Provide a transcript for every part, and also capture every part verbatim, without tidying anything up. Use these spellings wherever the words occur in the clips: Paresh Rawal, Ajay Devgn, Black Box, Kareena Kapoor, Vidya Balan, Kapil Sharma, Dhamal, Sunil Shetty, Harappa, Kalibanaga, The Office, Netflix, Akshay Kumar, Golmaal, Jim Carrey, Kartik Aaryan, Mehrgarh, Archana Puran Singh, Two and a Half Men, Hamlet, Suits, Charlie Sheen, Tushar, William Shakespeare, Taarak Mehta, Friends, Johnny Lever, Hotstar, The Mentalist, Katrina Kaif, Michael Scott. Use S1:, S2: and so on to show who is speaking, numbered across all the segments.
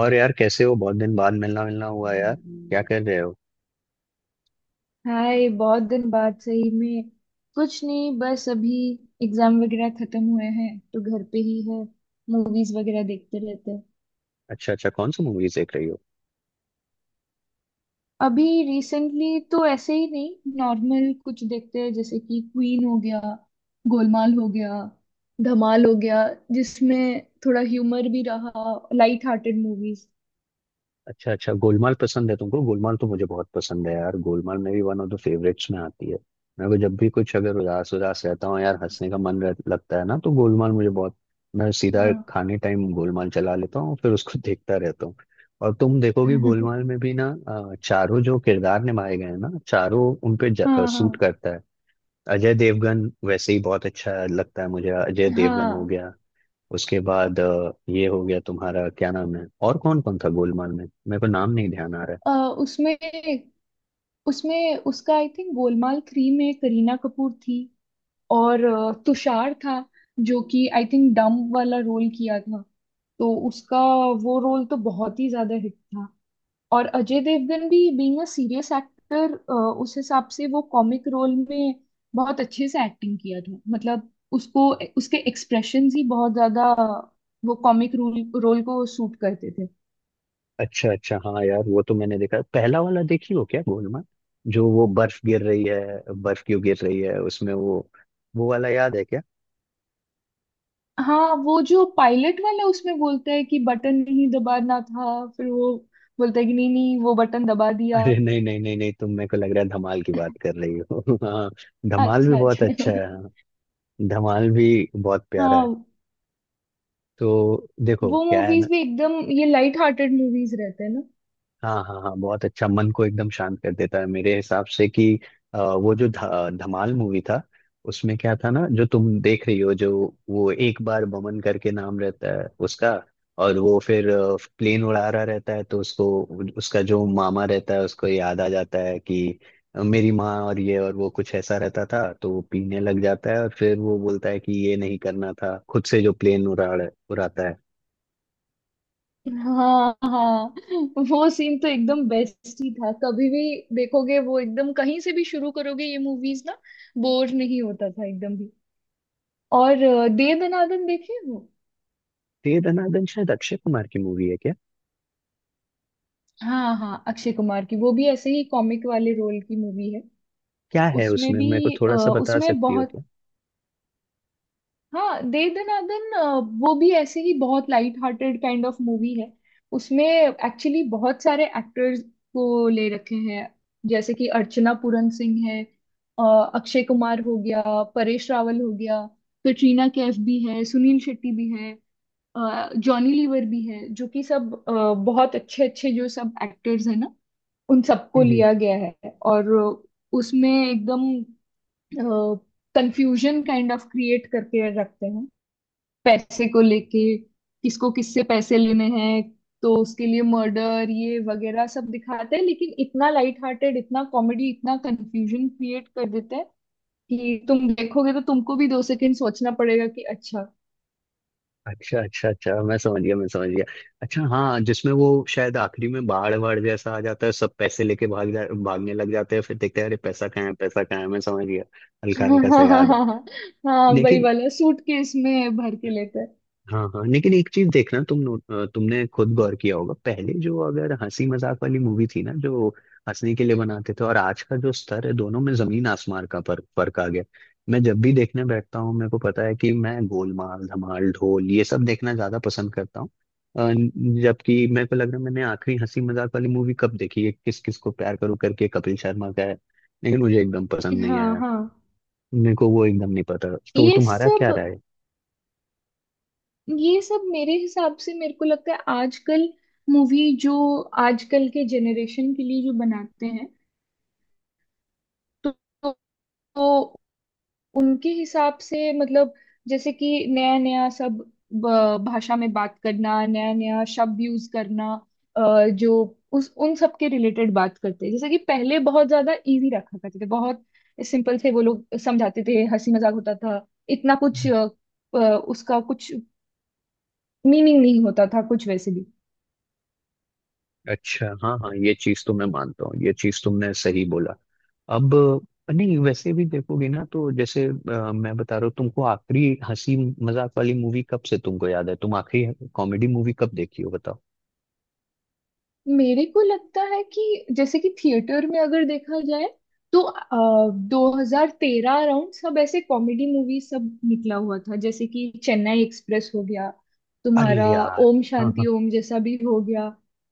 S1: और यार कैसे हो? बहुत दिन बाद मिलना मिलना हुआ यार, क्या कर रहे हो?
S2: हाय, बहुत दिन बाद सही में। कुछ नहीं, बस अभी एग्जाम वगैरह खत्म हुए हैं तो घर पे ही है। मूवीज वगैरह देखते रहते हैं।
S1: अच्छा अच्छा, कौन सी मूवीज देख रही हो?
S2: अभी रिसेंटली तो ऐसे ही नहीं, नॉर्मल कुछ देखते हैं जैसे कि क्वीन हो गया, गोलमाल हो गया, धमाल हो गया, जिसमें थोड़ा ह्यूमर भी रहा, लाइट हार्टेड मूवीज।
S1: अच्छा अच्छा, गोलमाल पसंद है तुमको? गोलमाल तो मुझे बहुत पसंद है यार। गोलमाल मेरी वन ऑफ द फेवरेट्स में आती है। मेरे को जब भी कुछ, अगर उदास उदास रहता हूँ यार, हंसने का मन रह, लगता है ना, तो गोलमाल मुझे बहुत। मैं सीधा
S2: हाँ।
S1: खाने टाइम गोलमाल चला लेता हूँ, फिर उसको देखता रहता हूँ। और तुम देखोगे गोलमाल में भी ना, अ, चारों जो किरदार निभाए गए हैं ना, चारों उन पे
S2: हाँ हाँ।
S1: सूट करता है। अजय देवगन वैसे ही बहुत अच्छा लगता है मुझे, अजय देवगन हो
S2: हाँ
S1: गया, उसके बाद अ, ये हो गया तुम्हारा क्या नाम है, और कौन कौन था गोलमाल में? मेरे को नाम नहीं ध्यान आ रहा है।
S2: अ, उसमें उसमें उसका आई थिंक गोलमाल थ्री में करीना कपूर थी। और अ, तुषार था जो कि आई थिंक डम वाला रोल किया था। तो उसका वो रोल तो बहुत ही ज्यादा हिट था। और अजय देवगन भी बीइंग अ सीरियस एक्टर, उस हिसाब से वो कॉमिक रोल में बहुत अच्छे से एक्टिंग किया था। मतलब उसको, उसके एक्सप्रेशंस ही बहुत ज्यादा वो कॉमिक रोल रोल को सूट करते थे।
S1: अच्छा अच्छा, हाँ यार वो तो मैंने देखा। पहला वाला देखी हो क्या गोलमाल, जो वो बर्फ गिर रही है, बर्फ क्यों गिर रही है उसमें, वो वो वाला याद है क्या?
S2: हाँ, वो जो पायलट वाला, उसमें बोलता है कि बटन नहीं दबाना था, फिर वो बोलता है कि नहीं नहीं वो बटन दबा दिया।
S1: अरे नहीं नहीं नहीं नहीं, तुम, मेरे को लग रहा है धमाल की बात कर रही हो हाँ, धमाल भी
S2: अच्छा
S1: बहुत
S2: अच्छा।
S1: अच्छा है। हाँ, धमाल भी बहुत प्यारा है।
S2: हाँ,
S1: तो देखो
S2: वो
S1: क्या है ना,
S2: मूवीज भी एकदम, ये लाइट हार्टेड मूवीज रहते हैं ना।
S1: हाँ हाँ हाँ, बहुत अच्छा। मन को एकदम शांत कर देता है मेरे हिसाब से कि, अ, वो जो ध- धमाल मूवी था, उसमें क्या था ना, जो तुम देख रही हो, जो वो एक बार बमन करके नाम रहता है उसका, और वो फिर प्लेन उड़ा रहा रहता है, तो उसको, उसका जो मामा रहता है, उसको याद आ जाता है कि मेरी माँ और ये और वो, कुछ ऐसा रहता था, तो वो पीने लग जाता है और फिर वो बोलता है कि ये नहीं करना था खुद से, जो प्लेन उड़ा उड़ाता है।
S2: हाँ हाँ, वो सीन तो एकदम बेस्ट ही था। कभी भी देखोगे, वो एकदम कहीं से भी शुरू करोगे ये मूवीज ना, बोर नहीं होता था एकदम भी। और अ, दे दनादन देखे हो।
S1: तो ये दनादन शायद अक्षय कुमार की मूवी है।
S2: हाँ हाँ, अक्षय कुमार की वो भी ऐसे ही कॉमिक वाले रोल की मूवी है।
S1: क्या है
S2: उसमें
S1: उसमें,
S2: भी
S1: मेरे को
S2: अ,
S1: थोड़ा सा बता
S2: उसमें
S1: सकती हो
S2: बहुत,
S1: क्या?
S2: हाँ दे दनादन, अ, वो भी ऐसे ही बहुत light hearted kind of movie है। उसमें एक्चुअली बहुत सारे एक्टर्स को ले रखे हैं जैसे कि अर्चना पूरन सिंह है, अ, अक्षय कुमार हो गया, परेश रावल हो गया, कटरीना कैफ भी है, सुनील शेट्टी भी है, अ, जॉनी लीवर भी है, जो कि सब अ, बहुत अच्छे अच्छे जो सब एक्टर्स हैं ना, उन सबको
S1: हम्म, हम्म।
S2: लिया गया है। और उसमें एकदम कंफ्यूजन काइंड ऑफ क्रिएट करके रखते हैं पैसे को लेके, किसको किससे पैसे लेने हैं। तो उसके लिए मर्डर ये वगैरह सब दिखाते हैं, लेकिन इतना लाइट हार्टेड, इतना कॉमेडी, इतना कंफ्यूजन क्रिएट कर देते हैं कि तुम देखोगे तो तुमको भी दो सेकंड सोचना पड़ेगा कि अच्छा।
S1: अच्छा अच्छा अच्छा, मैं समझ गया, मैं समझ गया। अच्छा हाँ, जिसमें वो शायद आखिरी में बाढ़ बाढ़ जैसा आ जाता है, सब पैसे लेके भाग जा भागने लग जाते हैं, फिर देखते हैं अरे पैसा कहाँ है, पैसा कहाँ है। मैं समझ गया, हल्का
S2: हाँ
S1: हल्का सा
S2: हाँ हाँ
S1: याद है।
S2: हाँ हाँ। हाँ, वही
S1: लेकिन,
S2: वाला, सूट केस में भर के लेते
S1: हाँ हाँ, लेकिन एक चीज देखना, तुम नोट अ, तुमने खुद गौर किया होगा, पहले जो अगर हंसी मजाक वाली मूवी थी ना, जो हंसने के लिए बनाते थे, और आज का जो स्तर है, दोनों में जमीन आसमान का फर्क फर्क आ गया। मैं जब भी देखने बैठता हूँ, मेरे को पता है कि मैं गोलमाल, धमाल, ढोल, ये सब देखना ज्यादा पसंद करता हूँ। अ, जबकि मेरे को लग रहा है मैंने आखिरी हंसी मजाक वाली मूवी कब देखी है, किस किस को प्यार करूं करके कपिल शर्मा का है, लेकिन मुझे एकदम पसंद
S2: हैं।
S1: नहीं
S2: हाँ
S1: आया।
S2: हाँ,
S1: मेरे को वो एकदम नहीं पता, तो
S2: ये
S1: तुम्हारा क्या
S2: सब
S1: राय
S2: ये सब मेरे हिसाब से, मेरे को लगता है आजकल मूवी जो आजकल के जेनरेशन के लिए जो बनाते हैं, तो तो उनके हिसाब से, मतलब जैसे कि नया नया सब ब- भाषा में बात करना, नया नया शब्द यूज करना, अ, जो उस उन सब के रिलेटेड बात करते हैं। जैसे कि पहले बहुत ज्यादा इजी रखा करते थे, बहुत सिंपल थे, वो लोग समझाते थे, हंसी मजाक होता था, इतना
S1: है?
S2: कुछ अ, अ, उसका कुछ मीनिंग नहीं होता था कुछ वैसे भी।
S1: अच्छा हाँ हाँ, ये चीज तो मैं मानता हूँ, ये चीज तुमने सही बोला। अब, नहीं वैसे भी देखोगे ना, तो जैसे अ, मैं बता रहा हूँ तुमको, आखिरी हंसी मजाक वाली मूवी कब से तुमको याद है, तुम आखिरी कॉमेडी मूवी कब देखी हो बताओ?
S2: मेरे को लगता है कि जैसे कि थिएटर में अगर देखा जाए, तो आ, दो हज़ार तेरह अराउंड सब ऐसे कॉमेडी मूवी सब निकला हुआ था। जैसे कि चेन्नई एक्सप्रेस हो गया
S1: अरे
S2: तुम्हारा,
S1: यार,
S2: ओम
S1: हाँ हाँ।
S2: शांति ओम जैसा भी हो गया।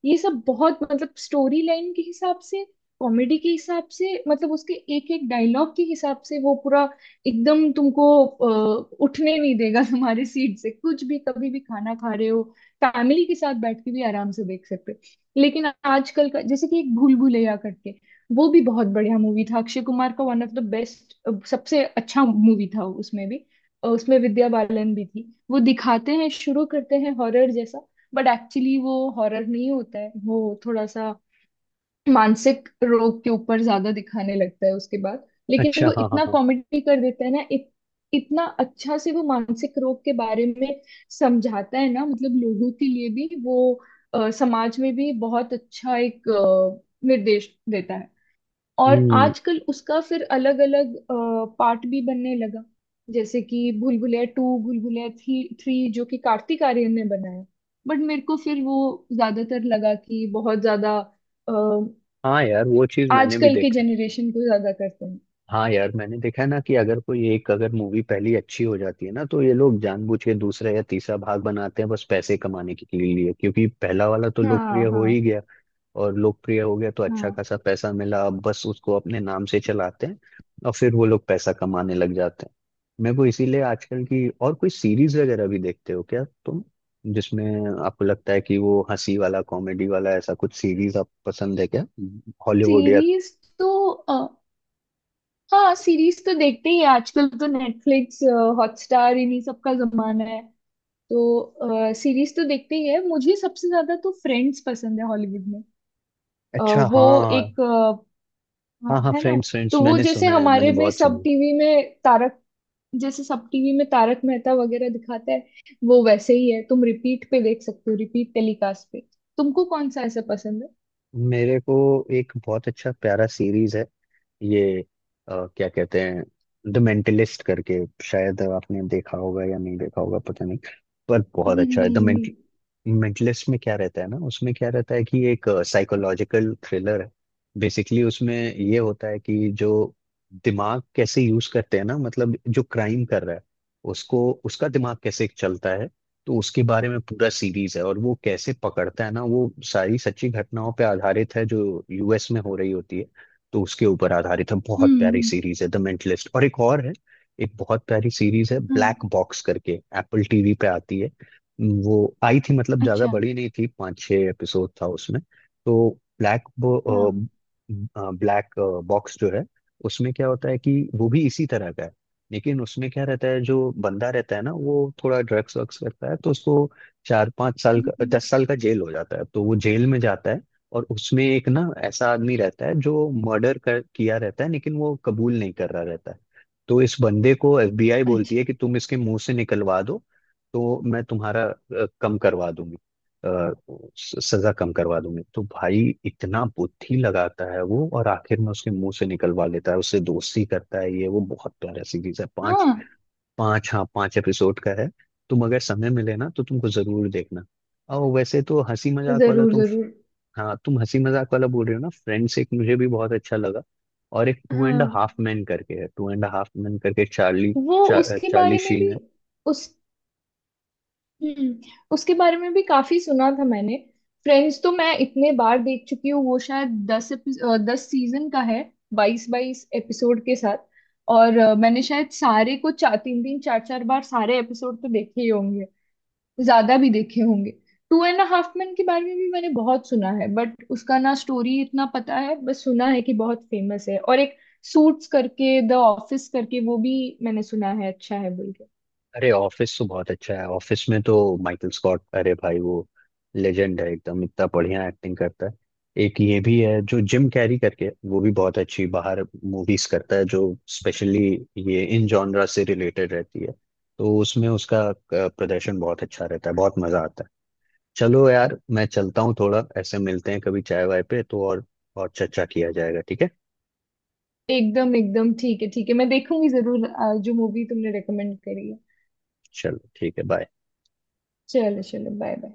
S2: ये सब बहुत, मतलब स्टोरी लाइन के हिसाब से, कॉमेडी के हिसाब से, मतलब उसके एक एक डायलॉग के हिसाब से वो पूरा एकदम तुमको अ, उठने नहीं देगा तुम्हारे सीट से। कुछ भी कभी भी खाना खा रहे हो, फैमिली के साथ बैठ के भी आराम से देख सकते हो। लेकिन आजकल का जैसे कि एक भूल भुलैया करके, वो भी बहुत बढ़िया मूवी था, अक्षय कुमार का वन ऑफ द बेस्ट, सबसे अच्छा मूवी था। उसमें भी अ, उसमें विद्या बालन भी थी, वो दिखाते हैं, शुरू करते हैं हॉरर जैसा, बट एक्चुअली वो हॉरर नहीं होता है, वो थोड़ा सा मानसिक रोग के ऊपर ज्यादा दिखाने लगता है उसके बाद। लेकिन
S1: अच्छा
S2: वो
S1: हाँ हाँ
S2: इतना
S1: हाँ।
S2: कॉमेडी कर देता है ना, इत, इतना अच्छा से वो मानसिक रोग के बारे में समझाता है ना, मतलब लोगों के लिए भी वो अ, समाज में भी बहुत अच्छा एक अ, निर्देश देता है। और
S1: हम्म।
S2: आजकल उसका फिर अलग अलग पार्ट भी बनने लगा जैसे कि भूल Bhulaiyaa two, Bhool Bhulaiyaa three, three जो कि कार्तिक आर्यन ने बनाया। बट मेरे को फिर वो ज्यादातर लगा कि बहुत ज्यादा
S1: हाँ यार, वो चीज मैंने भी
S2: आजकल के
S1: देखा है।
S2: जनरेशन को ज्यादा करते हैं।
S1: हाँ यार, मैंने देखा है ना कि अगर कोई एक, अगर मूवी पहली अच्छी हो जाती है ना, तो ये लोग जानबूझ के दूसरा या तीसरा भाग बनाते हैं, बस पैसे कमाने के लिए, क्योंकि पहला वाला तो लोकप्रिय
S2: हाँ
S1: हो
S2: हाँ।
S1: ही गया। और लोकप्रिय हो गया तो अच्छा
S2: हाँ
S1: खासा पैसा मिला, अब बस उसको अपने नाम से चलाते हैं, और फिर वो लोग पैसा कमाने लग जाते हैं। मेरे को इसीलिए, आजकल की और कोई सीरीज वगैरह भी देखते हो क्या तुम, जिसमें आपको लगता है कि वो हंसी वाला, कॉमेडी वाला, ऐसा कुछ सीरीज आप पसंद है क्या, हॉलीवुड या?
S2: सीरीज तो अ, हाँ सीरीज तो देखते ही हैं। आजकल तो नेटफ्लिक्स, हॉटस्टार इन्हीं सब का जमाना है, तो सीरीज तो देखते ही है। मुझे सबसे ज्यादा तो फ्रेंड्स पसंद है हॉलीवुड में। अ,
S1: अच्छा
S2: वो
S1: हाँ
S2: एक अ, हाँ,
S1: हाँ हाँ,
S2: है ना।
S1: फ्रेंड्स, फ्रेंड्स
S2: तो वो
S1: मैंने
S2: जैसे
S1: सुना है, मैंने
S2: हमारे में
S1: बहुत सुना
S2: सब
S1: है।
S2: टीवी में तारक जैसे सब टीवी में तारक मेहता वगैरह दिखाता है, वो वैसे ही है। तुम रिपीट पे देख सकते हो, रिपीट टेलीकास्ट पे। तुमको कौन सा ऐसा पसंद है?
S1: मेरे को एक बहुत अच्छा प्यारा सीरीज है, ये, अ, क्या कहते हैं, द मेंटलिस्ट करके। शायद आपने देखा होगा या नहीं देखा होगा, पता नहीं, पर बहुत
S2: नहीं
S1: अच्छा है। द
S2: नहीं।
S1: मेंटलिस्ट में क्या रहता है ना, उसमें क्या रहता है कि एक साइकोलॉजिकल थ्रिलर है बेसिकली। उसमें ये होता है कि जो दिमाग कैसे यूज करते हैं ना, मतलब जो क्राइम कर रहा है उसको, उसका दिमाग कैसे चलता है, तो उसके बारे में पूरा सीरीज है। और वो कैसे पकड़ता है ना, वो सारी सच्ची घटनाओं पे आधारित है, जो यूएस में हो रही होती है, तो उसके ऊपर आधारित है। बहुत
S2: हम्म
S1: प्यारी
S2: हम्म।
S1: सीरीज है द मेंटलिस्ट। और एक और है, एक बहुत प्यारी सीरीज है,
S2: हाँ।
S1: ब्लैक बॉक्स करके, एप्पल टीवी पे आती है। वो आई थी, मतलब ज्यादा
S2: अच्छा
S1: बड़ी नहीं थी, पांच छह एपिसोड था उसमें। तो ब्लैक,
S2: हाँ।
S1: ब्लैक बॉक्स जो है, उसमें क्या होता है कि वो भी इसी तरह का है, लेकिन उसमें क्या रहता है, जो बंदा रहता है ना वो, थोड़ा ड्रग्स वग्स करता है, तो उसको चार पांच साल का,
S2: हम्म।
S1: दस साल का जेल हो जाता है, तो वो जेल में जाता है। और उसमें एक ना ऐसा आदमी रहता है जो मर्डर कर किया रहता है, लेकिन वो कबूल नहीं कर रहा रहता है। तो इस बंदे को एफबीआई बोलती
S2: अच्छा
S1: है कि तुम इसके मुंह से निकलवा दो, तो मैं तुम्हारा अ, कम करवा दूंगी, अ, स- सजा कम करवा दूंगी। तो भाई, इतना बुद्धि लगाता है वो, और आखिर में उसके मुंह से निकलवा लेता है, उससे दोस्ती करता है ये। वो बहुत प्यारा सीरीज है,
S2: हाँ।
S1: पांच पांच हाँ, पांच एपिसोड का है। तुम अगर समय मिले ना तो तुमको जरूर देखना। और वैसे तो हंसी मजाक वाला
S2: जरूर
S1: तुम,
S2: जरूर।
S1: हाँ तुम हंसी मजाक वाला बोल रहे हो ना, फ्रेंड्स एक मुझे भी बहुत अच्छा लगा। और एक टू
S2: हाँ,
S1: एंड हाफ मैन करके है, टू एंड हाफ मैन करके चार्ली,
S2: वो
S1: चा,
S2: उसके
S1: चार्ली
S2: बारे में
S1: शीन
S2: भी,
S1: है।
S2: उस हम्म, उसके बारे में भी काफी सुना था मैंने। फ्रेंड्स तो मैं इतने बार देख चुकी हूँ, वो शायद दस एपिस- अ, दस सीजन का है, बाईस बाईस एपिसोड के साथ। और अ, मैंने शायद सारे को चार तीन तीन चार चार बार सारे एपिसोड तो देखे ही होंगे, ज्यादा भी देखे होंगे। टू एंड हाफ मैन के बारे में भी मैंने बहुत सुना है, बट उसका ना स्टोरी इतना पता है, बस सुना है कि बहुत फेमस है। और एक सूट्स करके, द ऑफिस करके, वो भी मैंने सुना है अच्छा है बोल के।
S1: अरे ऑफिस तो बहुत अच्छा है, ऑफिस में तो माइकल स्कॉट, अरे भाई वो लेजेंड है एकदम, इतना बढ़िया एक्टिंग करता है। एक ये भी है जो जिम कैरी करके, वो भी बहुत अच्छी बाहर मूवीज करता है, जो स्पेशली ये इन जॉनरा से रिलेटेड रहती है, तो उसमें उसका अ, प्रदर्शन बहुत अच्छा रहता है, बहुत मजा आता है। चलो यार मैं चलता हूँ, थोड़ा ऐसे मिलते हैं कभी चाय वाय पे, तो और और चर्चा किया जाएगा, ठीक है?
S2: एकदम एकदम, ठीक है ठीक है, मैं देखूंगी जरूर आ, जो मूवी तुमने रेकमेंड करी है।
S1: चलो ठीक है, बाय।
S2: चलो चलो, बाय बाय।